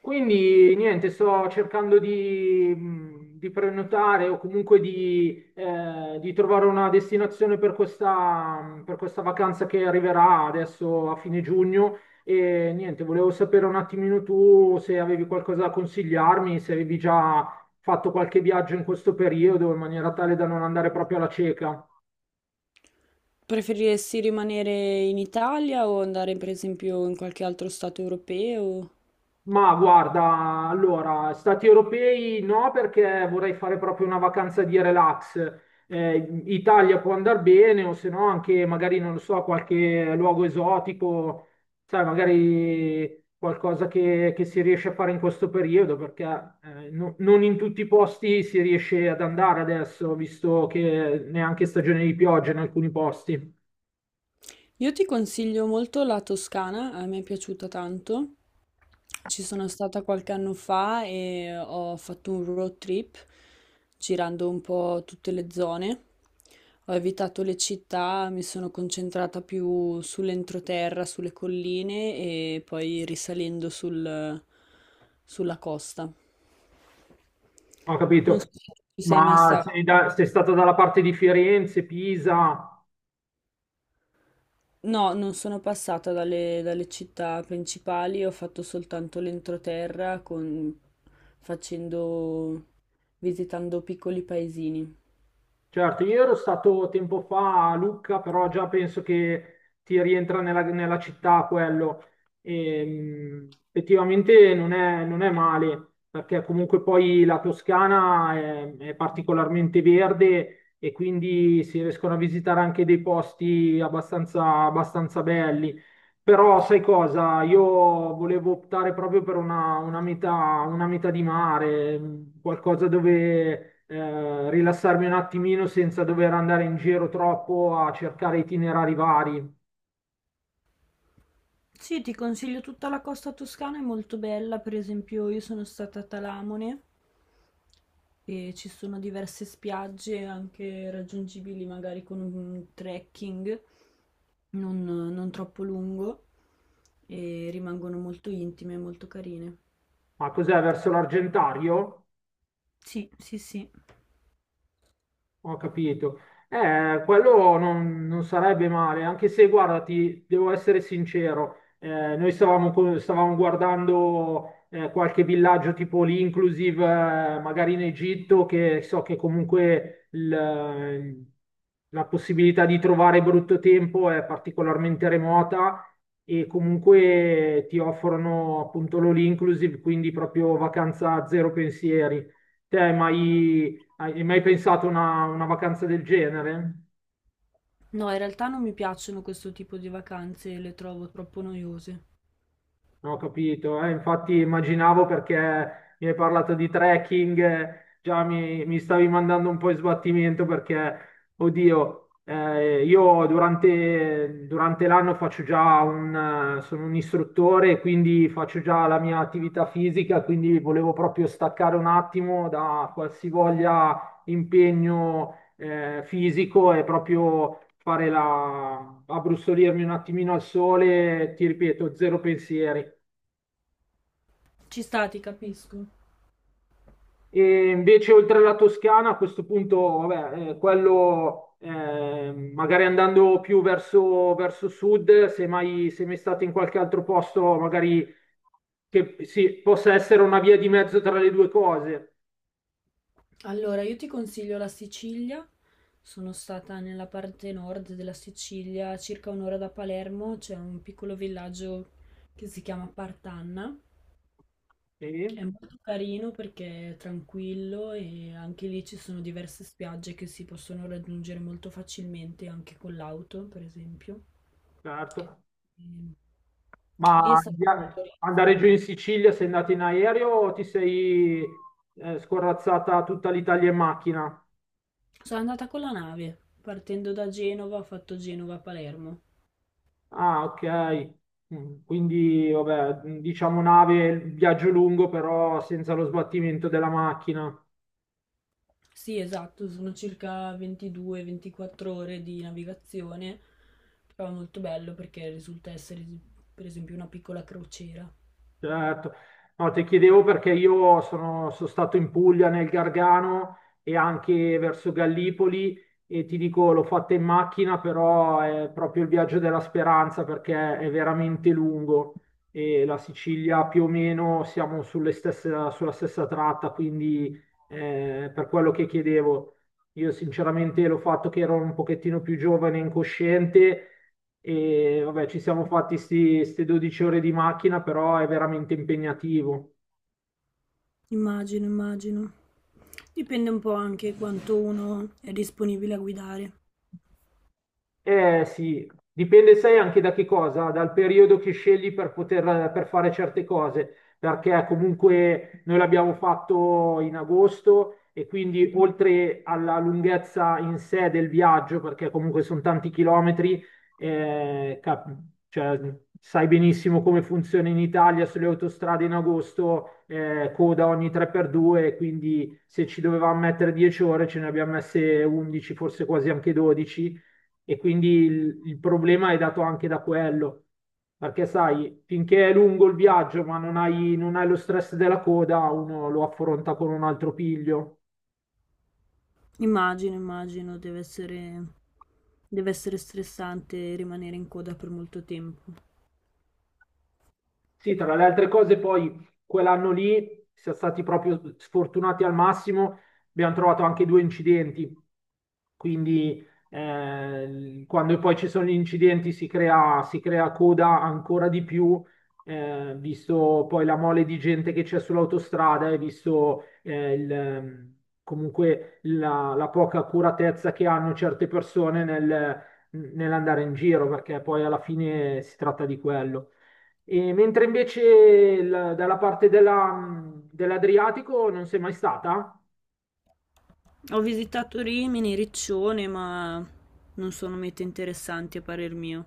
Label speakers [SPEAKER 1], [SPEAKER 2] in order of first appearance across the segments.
[SPEAKER 1] Quindi niente, sto cercando di prenotare o comunque di trovare una destinazione per questa vacanza che arriverà adesso a fine giugno. E niente, volevo sapere un attimino tu se avevi qualcosa da consigliarmi, se avevi già fatto qualche viaggio in questo periodo in maniera tale da non andare proprio alla cieca.
[SPEAKER 2] Preferiresti rimanere in Italia o andare per esempio in qualche altro stato europeo?
[SPEAKER 1] Ma guarda, allora, stati europei no, perché vorrei fare proprio una vacanza di relax. Italia può andare bene, o se no anche magari, non lo so, qualche luogo esotico, sai, magari qualcosa che si riesce a fare in questo periodo, perché non in tutti i posti si riesce ad andare adesso, visto che neanche stagione di pioggia in alcuni posti.
[SPEAKER 2] Io ti consiglio molto la Toscana, a me è piaciuta tanto. Ci sono stata qualche anno fa e ho fatto un road trip girando un po' tutte le zone. Ho evitato le città, mi sono concentrata più sull'entroterra, sulle colline e poi sulla costa.
[SPEAKER 1] Ho
[SPEAKER 2] Non
[SPEAKER 1] capito.
[SPEAKER 2] so se tu ci sei mai
[SPEAKER 1] Ma
[SPEAKER 2] stato.
[SPEAKER 1] sei stata dalla parte di Firenze, Pisa?
[SPEAKER 2] No, non sono passata dalle città principali, ho fatto soltanto l'entroterra facendo, visitando piccoli paesini.
[SPEAKER 1] Certo, io ero stato tempo fa a Lucca, però già penso che ti rientra nella città quello. E, effettivamente non è male, perché comunque poi la Toscana è particolarmente verde e quindi si riescono a visitare anche dei posti abbastanza belli. Però sai cosa? Io volevo optare proprio per una metà di mare, qualcosa dove rilassarmi un attimino senza dover andare in giro troppo a cercare itinerari vari.
[SPEAKER 2] Sì, ti consiglio tutta la costa toscana, è molto bella, per esempio io sono stata a Talamone e ci sono diverse spiagge anche raggiungibili magari con un trekking non troppo lungo e rimangono molto intime e molto carine.
[SPEAKER 1] Ma cos'è verso l'Argentario?
[SPEAKER 2] Sì, sì, sì.
[SPEAKER 1] Ho capito. Quello non sarebbe male, anche se, guarda, ti devo essere sincero, noi stavamo guardando qualche villaggio tipo l'inclusive, magari in Egitto, che so che comunque la possibilità di trovare brutto tempo è particolarmente remota e comunque ti offrono appunto l'all inclusive, quindi proprio vacanza a zero pensieri. Te, hai mai pensato a una vacanza del genere?
[SPEAKER 2] No, in realtà non mi piacciono questo tipo di vacanze, le trovo troppo noiose.
[SPEAKER 1] No, ho capito, infatti immaginavo perché mi hai parlato di trekking, già mi stavi mandando un po' in sbattimento perché, oddio, io durante l'anno faccio già sono un istruttore, quindi faccio già la mia attività fisica, quindi volevo proprio staccare un attimo da qualsivoglia impegno, fisico e proprio fare abbrustolirmi un attimino al sole, ti ripeto, zero pensieri.
[SPEAKER 2] Ci sta, ti capisco.
[SPEAKER 1] E invece, oltre la Toscana, a questo punto, vabbè, quello magari andando più verso sud, se mai state in qualche altro posto, magari che sì, possa essere una via di mezzo tra le due cose.
[SPEAKER 2] Allora, io ti consiglio la Sicilia. Sono stata nella parte nord della Sicilia, a circa un'ora da Palermo, c'è un piccolo villaggio che si chiama Partanna. È
[SPEAKER 1] Sì,
[SPEAKER 2] molto carino perché è tranquillo e anche lì ci sono diverse spiagge che si possono raggiungere molto facilmente anche con l'auto, per esempio.
[SPEAKER 1] certo.
[SPEAKER 2] Ehm,
[SPEAKER 1] Ma
[SPEAKER 2] Lì è stato molto
[SPEAKER 1] andare giù
[SPEAKER 2] rilassante.
[SPEAKER 1] in Sicilia, sei andato in aereo o ti sei scorrazzata tutta l'Italia in macchina?
[SPEAKER 2] Sono andata con la nave, partendo da Genova, ho fatto Genova-Palermo.
[SPEAKER 1] Ah, ok. Quindi, vabbè, diciamo nave, viaggio lungo, però senza lo sbattimento della macchina.
[SPEAKER 2] Sì, esatto, sono circa 22-24 ore di navigazione, però è molto bello perché risulta essere, per esempio, una piccola crociera.
[SPEAKER 1] Certo. No, ti chiedevo perché io sono stato in Puglia, nel Gargano e anche verso Gallipoli e ti dico, l'ho fatta in macchina, però è proprio il viaggio della speranza perché è veramente lungo e la Sicilia più o meno siamo sulla stessa tratta, quindi per quello che chiedevo. Io sinceramente l'ho fatto che ero un pochettino più giovane, e incosciente e vabbè, ci siamo fatti queste 12 ore di macchina, però è veramente impegnativo.
[SPEAKER 2] Immagino, immagino. Dipende un po' anche quanto uno è disponibile a guidare.
[SPEAKER 1] Eh sì, dipende sai anche da che cosa, dal periodo che scegli per poter per fare certe cose, perché comunque noi l'abbiamo fatto in agosto e quindi oltre alla lunghezza in sé del viaggio, perché comunque sono tanti chilometri, eh, cap- cioè, sai benissimo come funziona in Italia sulle autostrade in agosto, coda ogni 3x2, quindi se ci dovevamo mettere 10 ore ce ne abbiamo messe 11, forse quasi anche 12 e quindi il problema è dato anche da quello. Perché sai, finché è lungo il viaggio, ma non hai lo stress della coda, uno lo affronta con un altro piglio.
[SPEAKER 2] Immagino, immagino, deve essere stressante rimanere in coda per molto tempo.
[SPEAKER 1] Sì, tra le altre cose, poi quell'anno lì siamo stati proprio sfortunati al massimo, abbiamo trovato anche due incidenti, quindi quando poi ci sono gli incidenti si crea coda ancora di più, visto poi la mole di gente che c'è sull'autostrada e visto comunque la poca accuratezza che hanno certe persone nell'andare in giro, perché poi alla fine si tratta di quello. E mentre invece dalla parte dell'Adriatico non sei mai stata?
[SPEAKER 2] Ho visitato Rimini, Riccione, ma non sono mete interessanti a parer mio.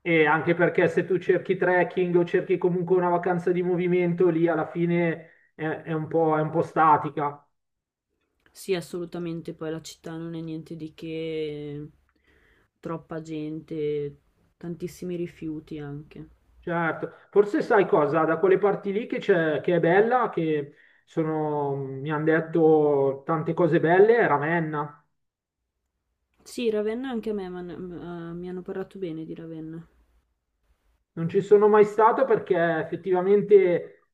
[SPEAKER 1] E anche perché se tu cerchi trekking o cerchi comunque una vacanza di movimento, lì alla fine è un po' statica.
[SPEAKER 2] Sì, assolutamente, poi la città non è niente di che, troppa gente, tantissimi rifiuti anche.
[SPEAKER 1] Certo, forse sai cosa, da quelle parti lì che c'è, che è bella, che sono, mi hanno detto tante cose belle, è Ravenna.
[SPEAKER 2] Sì, Ravenna anche a mi hanno parlato bene di Ravenna.
[SPEAKER 1] Non ci sono mai stato perché effettivamente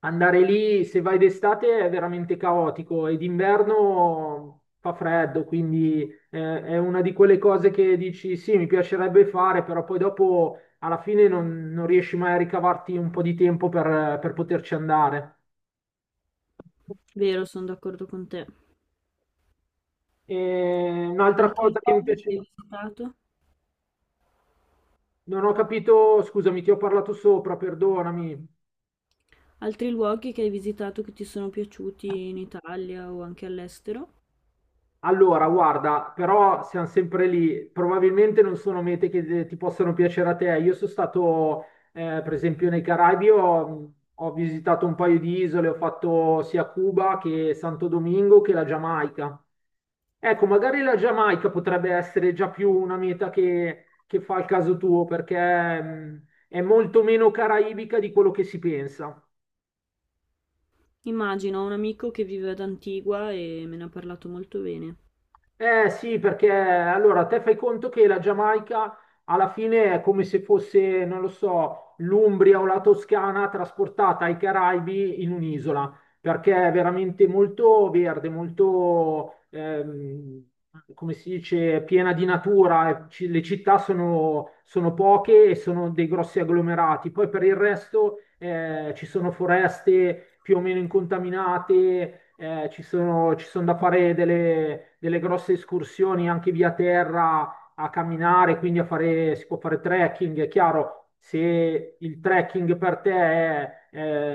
[SPEAKER 1] andare lì, se vai d'estate, è veramente caotico e d'inverno fa freddo, quindi è una di quelle cose che dici sì, mi piacerebbe fare, però poi dopo alla fine non riesci mai a ricavarti un po' di tempo per poterci andare.
[SPEAKER 2] Vero, sono d'accordo con te.
[SPEAKER 1] E un'altra
[SPEAKER 2] Altri
[SPEAKER 1] cosa che mi
[SPEAKER 2] luoghi
[SPEAKER 1] piace,
[SPEAKER 2] che hai visitato?
[SPEAKER 1] non ho capito, scusami, ti ho parlato sopra, perdonami.
[SPEAKER 2] Altri luoghi che hai visitato che ti sono piaciuti in Italia o anche all'estero?
[SPEAKER 1] Allora, guarda, però siamo sempre lì. Probabilmente non sono mete che ti possano piacere a te. Io sono stato, per esempio, nei Caraibi, ho visitato un paio di isole, ho fatto sia Cuba che Santo Domingo che la Giamaica. Ecco, magari la Giamaica potrebbe essere già più una meta che fa il caso tuo, perché è molto meno caraibica di quello che si pensa.
[SPEAKER 2] Immagino, ho un amico che vive ad Antigua e me ne ha parlato molto bene.
[SPEAKER 1] Eh sì, perché allora te fai conto che la Giamaica alla fine è come se fosse, non lo so, l'Umbria o la Toscana trasportata ai Caraibi in un'isola perché è veramente molto verde, molto, come si dice, piena di natura. Le città sono poche e sono dei grossi agglomerati. Poi per il resto ci sono, foreste più o meno incontaminate, ci sono da fare delle grosse escursioni anche via terra a camminare, quindi si può fare trekking, è chiaro, se il trekking per te è,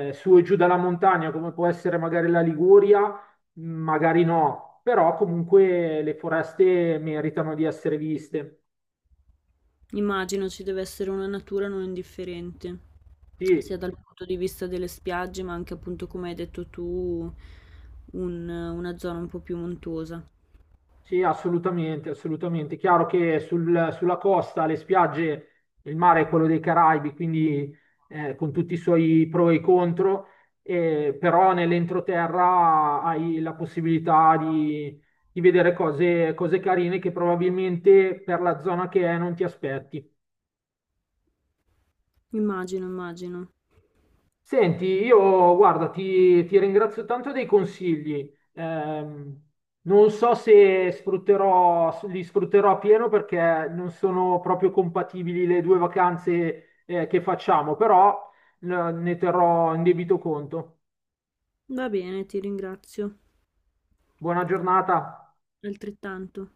[SPEAKER 1] è su e giù dalla montagna, come può essere magari la Liguria, magari no, però comunque le foreste meritano di essere viste.
[SPEAKER 2] Immagino ci deve essere una natura non indifferente, sia
[SPEAKER 1] Sì,
[SPEAKER 2] dal punto di vista delle spiagge, ma anche appunto, come hai detto tu, una zona un po' più montuosa.
[SPEAKER 1] sì, assolutamente, assolutamente. Chiaro che sulla costa, le spiagge, il mare è quello dei Caraibi, quindi con tutti i suoi pro e i contro, però nell'entroterra hai la possibilità di vedere cose carine che probabilmente per la zona che è non ti aspetti.
[SPEAKER 2] Immagino, immagino.
[SPEAKER 1] Senti, io guarda, ti ringrazio tanto dei consigli. Non so se li sfrutterò a pieno perché non sono proprio compatibili le due vacanze, che facciamo, però, ne terrò in debito conto.
[SPEAKER 2] Va bene, ti ringrazio.
[SPEAKER 1] Buona giornata.
[SPEAKER 2] Altrettanto.